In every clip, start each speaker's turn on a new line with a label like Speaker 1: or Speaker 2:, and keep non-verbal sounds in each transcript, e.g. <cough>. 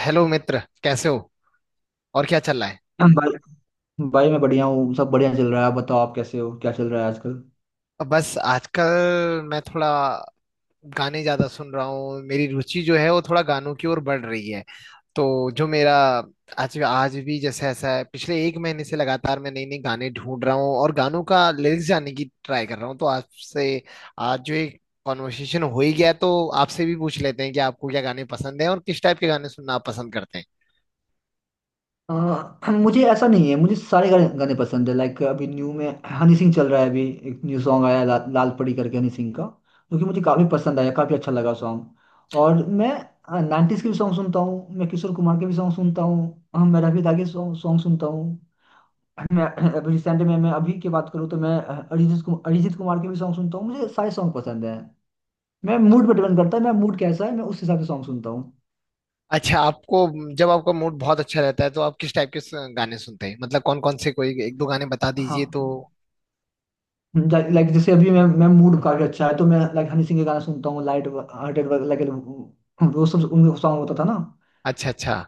Speaker 1: Hello मित्र, कैसे हो और क्या चल रहा है।
Speaker 2: हम भाई। भाई मैं बढ़िया हूँ, सब बढ़िया चल रहा है। आप बताओ, आप कैसे हो, क्या चल रहा है आजकल?
Speaker 1: बस आजकल मैं थोड़ा गाने ज्यादा सुन रहा हूँ। मेरी रुचि जो है वो थोड़ा गानों की ओर बढ़ रही है। तो जो मेरा आज आज भी जैसे ऐसा है, पिछले एक महीने से लगातार मैं नई नई गाने ढूंढ रहा हूँ और गानों का लिरिक्स जानने की ट्राई कर रहा हूँ। तो आपसे आज जो एक कॉन्वर्सेशन हो ही गया तो आपसे भी पूछ लेते हैं कि आपको क्या गाने पसंद है और किस टाइप के गाने सुनना आप पसंद करते हैं।
Speaker 2: मुझे ऐसा नहीं है, मुझे सारे गाने गाने पसंद है। लाइक अभी न्यू में हनी सिंह चल रहा है। अभी एक न्यू सॉन्ग आया है, लाल परी करके, हनी सिंह का, जो कि मुझे काफ़ी पसंद आया, काफ़ी अच्छा लगा सॉन्ग। और मैं नाइन्टीज़ के भी सॉन्ग सुनता हूँ, मैं किशोर कुमार के भी सॉन्ग सुनता हूँ, मैं रफी दा के सॉन्ग सॉन्ग सुनता हूँ। मैं अभी रिसेंट में, मैं अभी की बात करूँ तो मैं अरिजीत कुमार के भी सॉन्ग सुनता हूँ। मुझे सारे सॉन्ग पसंद हैं। मैं मूड पर डिपेंड करता है, मैं मूड कैसा है, मैं उस हिसाब से सॉन्ग सुनता हूँ।
Speaker 1: अच्छा, आपको जब आपका मूड बहुत अच्छा रहता है तो आप किस टाइप के गाने सुनते हैं, मतलब कौन कौन से, कोई एक दो गाने बता
Speaker 2: हाँ,
Speaker 1: दीजिए तो।
Speaker 2: लाइक जैसे अभी मैं मूड काफी अच्छा है तो मैं लाइक हनी सिंह के गाने सुनता हूँ, लाइट हार्टेड वगैरह। वो सब उनका सॉन्ग होता था ना।
Speaker 1: अच्छा, अच्छा,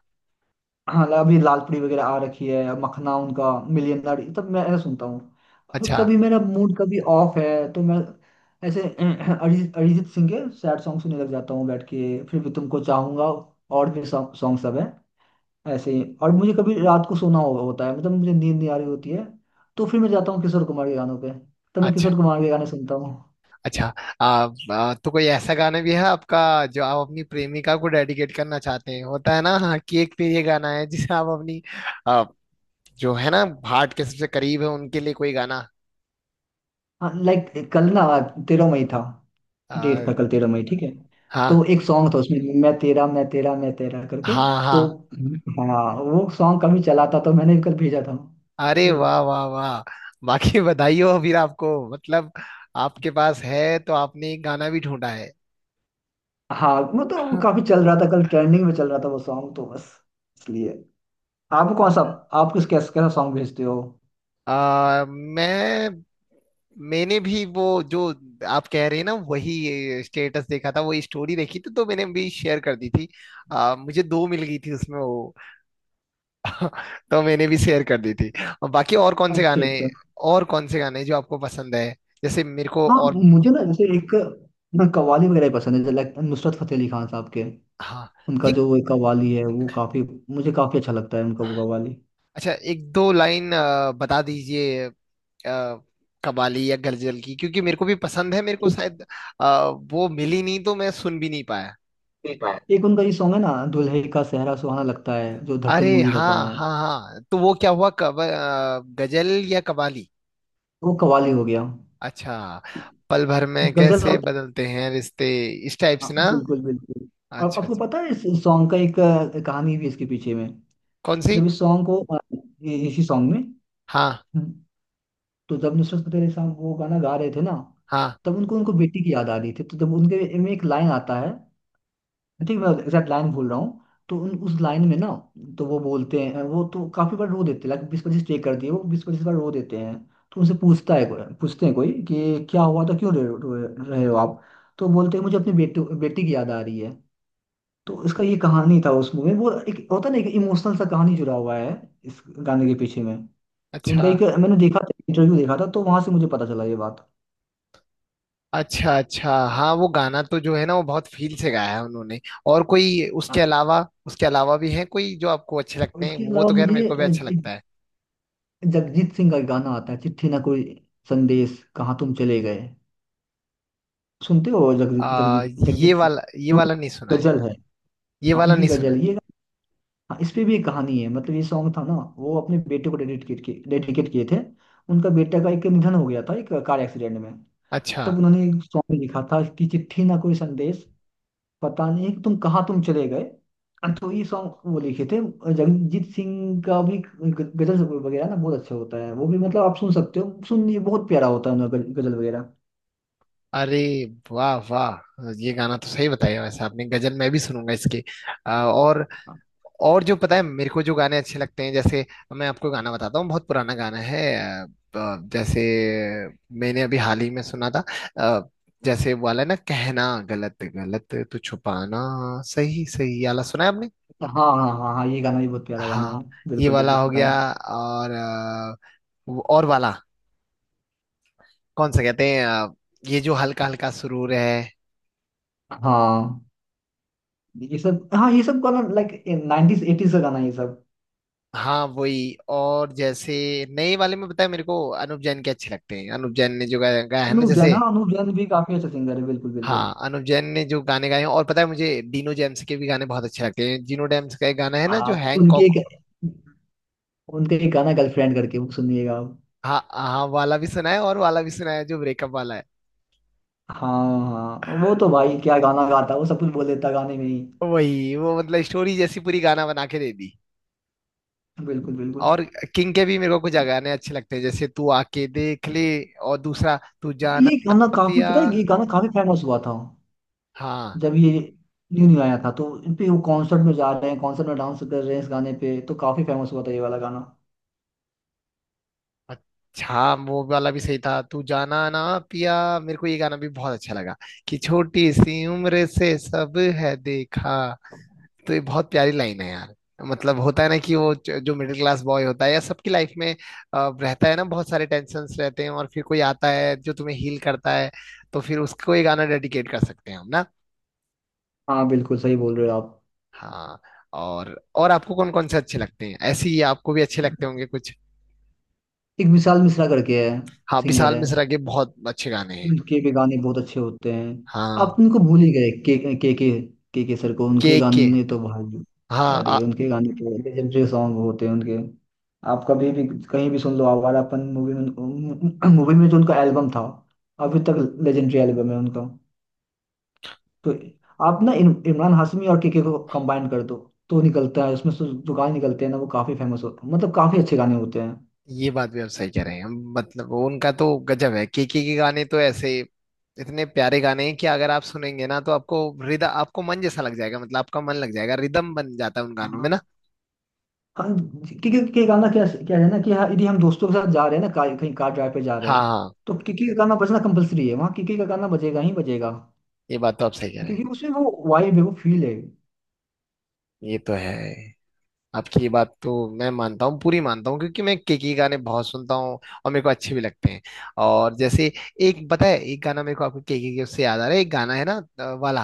Speaker 2: हाँ, अभी लालपरी वगैरह आ रखी है, मखना उनका, मिलियनर, ये सब मैं ऐसा सुनता हूँ। अब
Speaker 1: अच्छा,
Speaker 2: कभी मेरा मूड कभी ऑफ है तो मैं ऐसे <clears throat> अरिजीत अरिजीत सिंह के सैड सॉन्ग सुनने लग जाता हूँ, बैठ के, फिर भी तुमको चाहूंगा और भी सॉन्ग सॉन्ग सब है, ऐसे ही। और मुझे कभी रात को होता है, मतलब मुझे नींद नहीं आ रही होती है, तो फिर मैं जाता हूँ किशोर कुमार के गानों पे, तो मैं
Speaker 1: अच्छा,
Speaker 2: किशोर कुमार के गाने सुनता हूँ।
Speaker 1: अच्छा। आ, आ, तो कोई ऐसा गाना भी है आपका जो आप अपनी प्रेमिका को डेडिकेट करना चाहते हैं, होता है ना, हाँ, कि एक पे ये गाना है जिसे आप अपनी आ, जो है ना, हार्ट के सबसे करीब है उनके लिए कोई गाना।
Speaker 2: हाँ, लाइक कल ना 13 मई था,
Speaker 1: आ,
Speaker 2: डेट था, कल 13 मई ठीक है।
Speaker 1: हाँ,
Speaker 2: तो एक सॉन्ग था उसमें, मैं तेरा मैं तेरा मैं तेरा करके,
Speaker 1: हाँ,
Speaker 2: तो
Speaker 1: हाँ।
Speaker 2: हाँ, वो सॉन्ग कभी चला था तो मैंने कल भेजा था,
Speaker 1: अरे
Speaker 2: ऐसे।
Speaker 1: वाह, वाह, वाह! बाकी <laughs> बधाई हो फिर आपको, मतलब आपके पास है तो आपने एक गाना भी ढूंढा है।
Speaker 2: हाँ, मतलब वो
Speaker 1: हाँ।
Speaker 2: काफी चल रहा था, कल ट्रेंडिंग में चल रहा था वो सॉन्ग, तो बस इसलिए। आप कौन सा, आप किस, कैसा कैसा सॉन्ग भेजते हो?
Speaker 1: आ, मैं मैंने भी वो जो आप कह रहे हैं ना, वही स्टेटस देखा था, वही स्टोरी देखी थी, तो मैंने भी शेयर कर दी थी। मुझे दो मिल गई थी उसमें वो, तो मैंने भी शेयर कर दी थी। और बाकी और कौन से
Speaker 2: अच्छा
Speaker 1: गाने,
Speaker 2: अच्छा।
Speaker 1: और कौन से गाने जो आपको पसंद है, जैसे मेरे को
Speaker 2: हाँ,
Speaker 1: और।
Speaker 2: मुझे ना जैसे एक ना कव्वाली वगैरह पसंद है, जैसे like नुसरत फतेह अली खान साहब के,
Speaker 1: हाँ
Speaker 2: उनका
Speaker 1: ये।
Speaker 2: जो वो कव्वाली है, वो काफी मुझे काफी अच्छा लगता है उनका वो कव्वाली।
Speaker 1: अच्छा, एक दो लाइन बता दीजिए। आ, कबाली या गजल की, क्योंकि मेरे को भी पसंद है, मेरे को
Speaker 2: एक,
Speaker 1: शायद वो मिली नहीं तो मैं सुन भी नहीं पाया।
Speaker 2: एक उनका ये सॉन्ग है ना, दुल्हे का सेहरा सुहाना लगता है, जो धड़कन
Speaker 1: अरे
Speaker 2: मूवी का
Speaker 1: हाँ,
Speaker 2: गाना है,
Speaker 1: हाँ, हाँ। तो वो क्या हुआ, कब गजल या कवाली।
Speaker 2: वो कव्वाली हो गया।
Speaker 1: अच्छा। पल भर में
Speaker 2: गजल होता
Speaker 1: कैसे
Speaker 2: है।
Speaker 1: बदलते हैं रिश्ते, इस टाइप
Speaker 2: हाँ,
Speaker 1: से ना।
Speaker 2: बिल्कुल बिल्कुल। और
Speaker 1: अच्छा,
Speaker 2: आपको
Speaker 1: अच्छा।
Speaker 2: पता है इस सॉन्ग का एक कहानी भी इसके पीछे में।
Speaker 1: कौन सी?
Speaker 2: जब इस सॉन्ग को अ, इसी सॉन्ग में,
Speaker 1: हाँ,
Speaker 2: तो जब नुसरत फतेह अली साहब वो गाना गा रहे थे ना,
Speaker 1: हाँ।
Speaker 2: तब उनको उनको बेटी की याद आ रही थी। तो जब उनके में एक लाइन आता है, आई थिंक मैं एग्जैक्ट लाइन भूल रहा हूँ, तो उन उस लाइन में ना, तो वो बोलते हैं, वो तो काफी बार रो देते हैं, लाइक 20-25 टेक करती है, वो 20-25 बार रो देते हैं। तो उनसे पूछता है कोई, पूछते हैं कोई कि क्या हुआ था, क्यों रो रहे हो आप? तो बोलते हैं मुझे अपनी बेटी बेटी की याद आ रही है। तो इसका ये कहानी था उस मूवी में, वो एक होता है ना एक इमोशनल सा कहानी जुड़ा हुआ है इस गाने के पीछे में। तो
Speaker 1: अच्छा,
Speaker 2: उनका एक मैंने देखा था, इंटरव्यू देखा था, तो वहां से मुझे पता चला ये बात।
Speaker 1: अच्छा, अच्छा। हाँ, वो गाना तो जो है ना वो बहुत फील से गाया है उन्होंने। और कोई
Speaker 2: हाँ,
Speaker 1: उसके अलावा, उसके अलावा भी है कोई जो आपको अच्छे लगते हैं,
Speaker 2: उसके
Speaker 1: वो
Speaker 2: अलावा
Speaker 1: तो खैर मेरे
Speaker 2: मुझे
Speaker 1: को भी अच्छा
Speaker 2: एक
Speaker 1: लगता है।
Speaker 2: जगजीत सिंह का एक गाना आता है, चिट्ठी ना कोई संदेश, कहाँ तुम चले गए। सुनते हो जगजीत,
Speaker 1: आ, ये
Speaker 2: जगजीत सिंह,
Speaker 1: वाला, ये
Speaker 2: जो
Speaker 1: वाला नहीं सुना है।
Speaker 2: गजल है?
Speaker 1: ये
Speaker 2: हाँ,
Speaker 1: वाला
Speaker 2: उनकी
Speaker 1: नहीं सुना
Speaker 2: गजल
Speaker 1: है।
Speaker 2: ये। हाँ, इस पे भी एक कहानी है, मतलब ये सॉन्ग था ना, वो अपने बेटे को डेडिकेट किए थे, उनका बेटा का एक निधन हो गया था एक कार एक्सीडेंट में।
Speaker 1: अच्छा।
Speaker 2: तब उन्होंने एक सॉन्ग लिखा था कि चिट्ठी ना कोई संदेश, पता नहीं तुम कहाँ तुम चले गए, तो ये सॉन्ग वो लिखे थे। जगजीत सिंह का भी गजल वगैरह ना बहुत अच्छा होता है, वो भी मतलब आप सुन सकते हो सुन, ये बहुत प्यारा होता है उनका गजल वगैरह।
Speaker 1: अरे वाह, वाह, ये गाना तो सही बताया वैसे आपने। गजल मैं भी सुनूंगा इसकी। आ, और और जो पता है मेरे को, जो गाने अच्छे लगते हैं, जैसे मैं आपको गाना बताता हूँ, बहुत पुराना गाना है। आ, आ, जैसे मैंने अभी हाल ही में सुना था। आ, जैसे वो वाला ना, कहना गलत गलत तो छुपाना सही सही, ये वाला सुना है आपने।
Speaker 2: हाँ हाँ हाँ। हाँ, ये गाना भी बहुत प्यारा गाना
Speaker 1: हाँ।
Speaker 2: है,
Speaker 1: ये
Speaker 2: बिल्कुल बिल्कुल
Speaker 1: वाला हो
Speaker 2: सुना है।
Speaker 1: गया। और वाला कौन सा कहते हैं, ये जो हल्का हल्का सुरूर है।
Speaker 2: हाँ, ये सब, हाँ ये सब गाना लाइक नाइनटीज एटीज का गाना है ये सब।
Speaker 1: हाँ वही। और जैसे नए वाले में, बताया मेरे को अनुप जैन के अच्छे लगते हैं, अनुप जैन ने जो गाया है ना,
Speaker 2: अनूप जैन,
Speaker 1: जैसे।
Speaker 2: हाँ अनूप जैन भी काफी अच्छा सिंगर है, बिल्कुल बिल्कुल।
Speaker 1: हाँ, अनुप जैन ने जो गाने गाए हैं, और पता है मुझे डीनो जेम्स के भी गाने बहुत अच्छे लगते हैं। डीनो जेम्स का एक गाना है ना जो
Speaker 2: आप उनके एक,
Speaker 1: हैंकॉक।
Speaker 2: उनके एक गाना गर्लफ्रेंड करके वो सुनिएगा आप।
Speaker 1: हाँ, हाँ वाला भी सुना है, और वाला भी सुना है जो ब्रेकअप वाला है।
Speaker 2: हाँ हाँ, वो तो भाई क्या गाना गाता है, वो सब कुछ बोल देता है गाने में ही।
Speaker 1: वही, वो मतलब स्टोरी जैसी पूरी गाना बना के दे दी।
Speaker 2: बिल्कुल बिल्कुल।
Speaker 1: और किंग के भी मेरे को कुछ गाने अच्छे लगते हैं, जैसे तू आके देख ले। और दूसरा, तू जाना
Speaker 2: ये
Speaker 1: ना
Speaker 2: गाना काफी,
Speaker 1: पिया।
Speaker 2: पता है ये गाना काफी फेमस हुआ था
Speaker 1: हाँ।
Speaker 2: जब ये न्यू न्यू आया था, तो इन पे वो कॉन्सर्ट में जा रहे हैं, कॉन्सर्ट में डांस कर रहे हैं इस गाने पे, तो काफी फेमस हुआ था ये वाला गाना।
Speaker 1: अच्छा, वो वाला भी सही था, तू जाना ना पिया। मेरे को ये गाना भी बहुत अच्छा लगा, कि छोटी सी उम्र से सब है देखा। तो ये बहुत प्यारी लाइन है यार। मतलब होता है ना कि वो जो मिडिल क्लास बॉय होता है, या सबकी लाइफ में रहता है ना बहुत सारे टेंशन्स रहते हैं, और फिर कोई आता है जो तुम्हें हील करता है। तो फिर उसको ये गाना डेडिकेट कर सकते हैं हम ना।
Speaker 2: हाँ, बिल्कुल सही बोल रहे हो आप।
Speaker 1: हाँ। और आपको कौन कौन से अच्छे लगते हैं, ऐसे ही आपको भी अच्छे लगते होंगे कुछ।
Speaker 2: एक विशाल मिश्रा करके है,
Speaker 1: हाँ,
Speaker 2: सिंगर
Speaker 1: विशाल
Speaker 2: है,
Speaker 1: मिश्रा के बहुत अच्छे गाने हैं।
Speaker 2: के गाने बहुत अच्छे होते हैं। आप
Speaker 1: हाँ।
Speaker 2: उनको भूल ही गए, के के के सर को, उनके
Speaker 1: के के।
Speaker 2: गाने तो भाई!
Speaker 1: हाँ।
Speaker 2: अरे उनके गाने तो लेजेंडरी सॉन्ग होते हैं उनके। आप कभी भी कहीं भी सुन लो, आवारापन मूवी में जो उनका एल्बम था, अभी तक लेजेंडरी एल्बम है उनका। तो आप ना इमरान हाशमी और के को कंबाइन कर दो, तो निकलता है उसमें से जो गाने निकलते हैं ना, वो काफी फेमस होते हैं, मतलब काफी अच्छे गाने होते
Speaker 1: ये बात भी आप सही कह रहे हैं। मतलब वो उनका तो गजब है। केके के गाने तो ऐसे इतने प्यारे गाने हैं कि अगर आप सुनेंगे ना, तो आपको हृदय, आपको मन जैसा लग जाएगा, मतलब आपका मन लग जाएगा, रिदम बन जाता है उन गानों में ना।
Speaker 2: हैं। हाँ, क्योंकि क्योंकि कहना क्या क्या है ना, कि हाँ, यदि हम दोस्तों के साथ जा रहे हैं ना, कहीं कार ड्राइव पे जा रहे
Speaker 1: हाँ,
Speaker 2: हैं,
Speaker 1: हाँ।
Speaker 2: तो किकी का गाना बजना कंपलसरी है, वहाँ किकी का गाना बजेगा ही बजेगा,
Speaker 1: ये बात तो आप सही कह रहे हैं।
Speaker 2: क्योंकि उसमें वो वाइब है, वो फील है।
Speaker 1: ये तो है। आपकी ये बात तो मैं मानता हूँ, पूरी मानता हूँ, क्योंकि मैं के गाने बहुत सुनता हूँ, और मेरे को अच्छे भी लगते हैं। और जैसे एक पता है, एक गाना मेरे को, आपको के, उससे याद आ रहा है एक गाना है ना, वाला,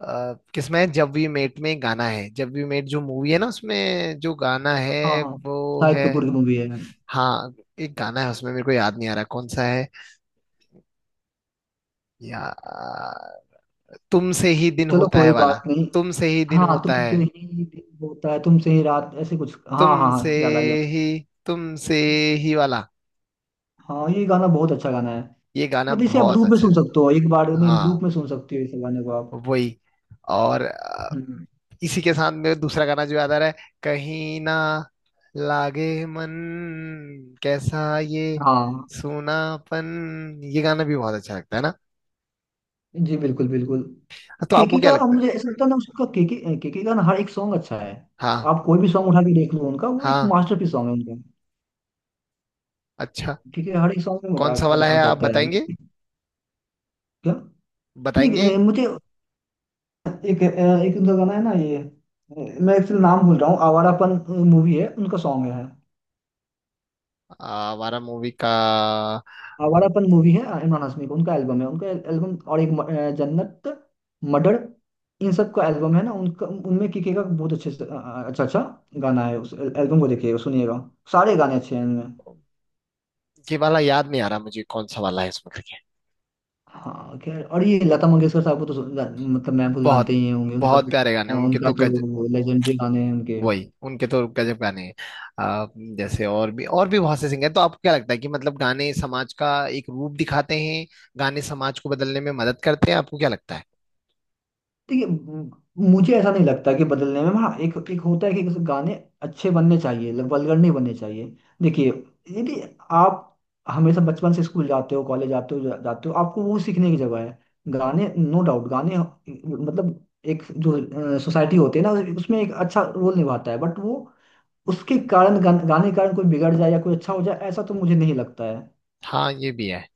Speaker 1: किसमें है, जब वी मेट में एक गाना है, जब वी मेट जो मूवी है ना उसमें जो गाना
Speaker 2: हाँ
Speaker 1: है
Speaker 2: हाँ,
Speaker 1: वो
Speaker 2: शाहिद
Speaker 1: है।
Speaker 2: कपूर की मूवी है।
Speaker 1: हाँ। एक गाना है उसमें मेरे को याद नहीं आ रहा कौन सा है, या तुमसे ही दिन
Speaker 2: चलो
Speaker 1: होता है
Speaker 2: कोई
Speaker 1: वाला।
Speaker 2: बात नहीं।
Speaker 1: तुमसे ही दिन
Speaker 2: हाँ
Speaker 1: होता है।
Speaker 2: तुमसे ही दिन होता है, तुमसे ही रात, ऐसे कुछ, हाँ हाँ
Speaker 1: तुमसे
Speaker 2: हाँ याद आ गया मुझे।
Speaker 1: ही, तुमसे ही वाला।
Speaker 2: हाँ, ये गाना बहुत अच्छा गाना है,
Speaker 1: ये गाना
Speaker 2: मतलब इसे आप
Speaker 1: बहुत
Speaker 2: लूप में
Speaker 1: अच्छा
Speaker 2: सुन
Speaker 1: है।
Speaker 2: सकते हो, एक बार नहीं,
Speaker 1: हाँ
Speaker 2: लूप में सुन सकते हो इस गाने को आप।
Speaker 1: वही। और
Speaker 2: हम्म,
Speaker 1: इसी के साथ में दूसरा गाना जो याद आ रहा है, कहीं ना लागे मन कैसा ये
Speaker 2: हाँ
Speaker 1: सूनापन, ये गाना भी बहुत अच्छा लगता है ना।
Speaker 2: जी, बिल्कुल बिल्कुल।
Speaker 1: तो आपको
Speaker 2: केके
Speaker 1: क्या
Speaker 2: का, अब
Speaker 1: लगता है।
Speaker 2: मुझे ऐसा लगता है ना उसका, केके केके का ना हर एक सॉन्ग अच्छा है।
Speaker 1: हाँ,
Speaker 2: आप कोई भी सॉन्ग उठा के देख लो उनका, वो एक
Speaker 1: हाँ।
Speaker 2: मास्टरपीस सॉन्ग है उनका।
Speaker 1: अच्छा,
Speaker 2: ठीक है, हर एक सॉन्ग में
Speaker 1: कौन सा वाला
Speaker 2: आ
Speaker 1: है आप
Speaker 2: जाता है।
Speaker 1: बताएंगे,
Speaker 2: क्या?
Speaker 1: बताएंगे,
Speaker 2: नहीं, मुझे एक, एक उनका गाना है ना ये, मैं एक्चुअली नाम भूल रहा हूँ। आवारापन मूवी है, उनका सॉन्ग है।
Speaker 1: हमारा मूवी का। अम,
Speaker 2: आवारापन मूवी है इमरान हाशमी का, उनका एल्बम है, उनका एल्बम, और एक जन्नत, मर्डर, इन सब का एल्बम है ना उनका, उनमें किके का बहुत अच्छे से अच्छा अच्छा गाना है। उस एल्बम को देखिएगा सुनिएगा, सारे गाने अच्छे हैं इनमें।
Speaker 1: ये वाला याद नहीं आ रहा मुझे कौन सा वाला है इसमें करके।
Speaker 2: हाँ खैर, और ये लता मंगेशकर साहब को तो मतलब मैम को जानते
Speaker 1: बहुत
Speaker 2: ही होंगे, उनका
Speaker 1: बहुत प्यारे गाने
Speaker 2: तो,
Speaker 1: उनके तो,
Speaker 2: उनका
Speaker 1: गज।
Speaker 2: तो लेजेंडरी गाने हैं उनके।
Speaker 1: वही, उनके तो गजब गाने हैं। आ, जैसे और भी, और भी बहुत से सिंगर हैं, तो आपको क्या लगता है कि मतलब गाने समाज का एक रूप दिखाते हैं, गाने समाज को बदलने में मदद करते हैं, आपको क्या लगता है।
Speaker 2: देखिए मुझे ऐसा नहीं लगता कि बदलने में, हाँ एक, एक होता है कि गाने अच्छे बनने चाहिए, वल्गर नहीं बनने चाहिए। देखिए, यदि आप हमेशा बचपन से स्कूल जाते हो, कॉलेज जाते हो, जाते हो, आपको वो सीखने की जगह है। गाने नो डाउट गाने, मतलब एक जो सोसाइटी होती है ना, उसमें एक अच्छा रोल निभाता है, बट वो उसके कारण गाने के कारण कोई बिगड़ जाए या कोई अच्छा हो जाए, ऐसा तो मुझे नहीं लगता है।
Speaker 1: हाँ ये भी है।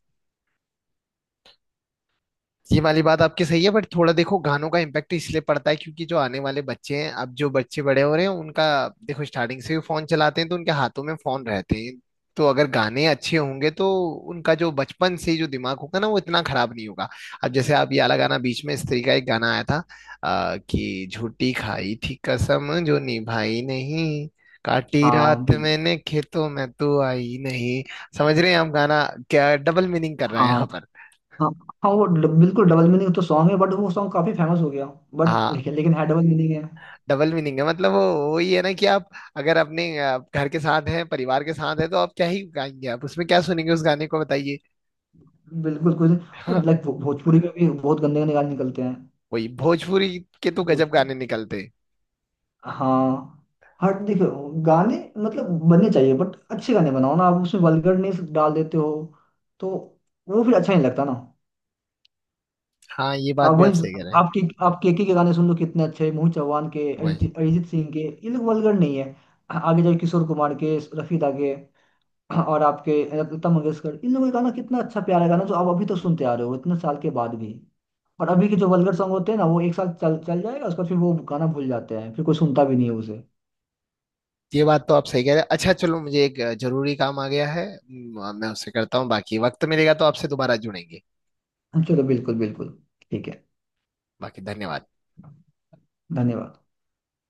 Speaker 1: ये वाली बात आपकी सही है, बट थोड़ा देखो, गानों का इम्पैक्ट इसलिए पड़ता है क्योंकि जो आने वाले बच्चे हैं, अब जो बच्चे बड़े हो रहे हैं उनका, देखो स्टार्टिंग से ही फोन चलाते हैं, तो उनके हाथों में फोन रहते हैं। तो अगर गाने अच्छे होंगे, तो उनका जो बचपन से जो दिमाग होगा ना, वो इतना खराब नहीं होगा। अब जैसे आप ये वाला गाना, बीच में स्त्री का एक गाना आया था कि झूठी खाई थी कसम जो निभाई नहीं, काटी
Speaker 2: हाँ
Speaker 1: रात
Speaker 2: बिल्कुल।
Speaker 1: मैंने खेतों में तू आई नहीं। समझ रहे हैं हम गाना क्या डबल मीनिंग कर रहे हैं
Speaker 2: हाँ
Speaker 1: यहाँ पर।
Speaker 2: हाँ हाँ, वो बिल्कुल डबल मीनिंग तो सॉन्ग है, बट वो सॉन्ग काफी फेमस हो गया, बट
Speaker 1: हाँ।
Speaker 2: लेकिन लेकिन है, डबल मीनिंग है।
Speaker 1: डबल मीनिंग है, मतलब वो वही है ना, कि आप अगर अपने घर के साथ हैं, परिवार के साथ हैं, तो आप क्या ही गाएंगे, आप उसमें क्या सुनेंगे उस गाने को, बताइए।
Speaker 2: बिल्कुल कुछ। और
Speaker 1: हाँ,
Speaker 2: लाइक भोजपुरी में भी बहुत गंदे गंदे गाने निकलते हैं।
Speaker 1: वही भोजपुरी के तो गजब
Speaker 2: भोजपुरी,
Speaker 1: गाने निकलते हैं।
Speaker 2: हाँ, हर देखो गाने मतलब बनने चाहिए, बट अच्छे गाने बनाओ ना, आप उसमें वल्गरनेस डाल देते हो, तो वो फिर अच्छा नहीं लगता ना।
Speaker 1: हाँ ये बात
Speaker 2: आप
Speaker 1: भी आप
Speaker 2: वही,
Speaker 1: सही कह रहे हैं।
Speaker 2: आप केके के गाने सुन लो कितने अच्छे हैं, मोहित चौहान के,
Speaker 1: वही,
Speaker 2: अरिजीत अरिजीत सिंह के, ये लोग वल्गर नहीं है। आगे जाके किशोर कुमार के, रफी दा के, हाँ, और आपके लता मंगेशकर, इन लोगों का गाना कितना अच्छा प्यारा गाना, जो आप अभी तो सुनते आ रहे हो इतने साल के बाद भी। और अभी के जो वल्गर सॉन्ग होते हैं ना, वो एक साल चल चल जाएगा, उसके बाद फिर वो गाना भूल जाते हैं, फिर कोई सुनता भी नहीं है उसे।
Speaker 1: ये बात तो आप सही कह रहे हैं। अच्छा, चलो, मुझे एक जरूरी काम आ गया है, मैं उससे करता हूँ, बाकी वक्त मिलेगा तो आपसे दोबारा जुड़ेंगे।
Speaker 2: चलो बिल्कुल बिल्कुल, ठीक है।
Speaker 1: बाकी धन्यवाद।
Speaker 2: धन्यवाद।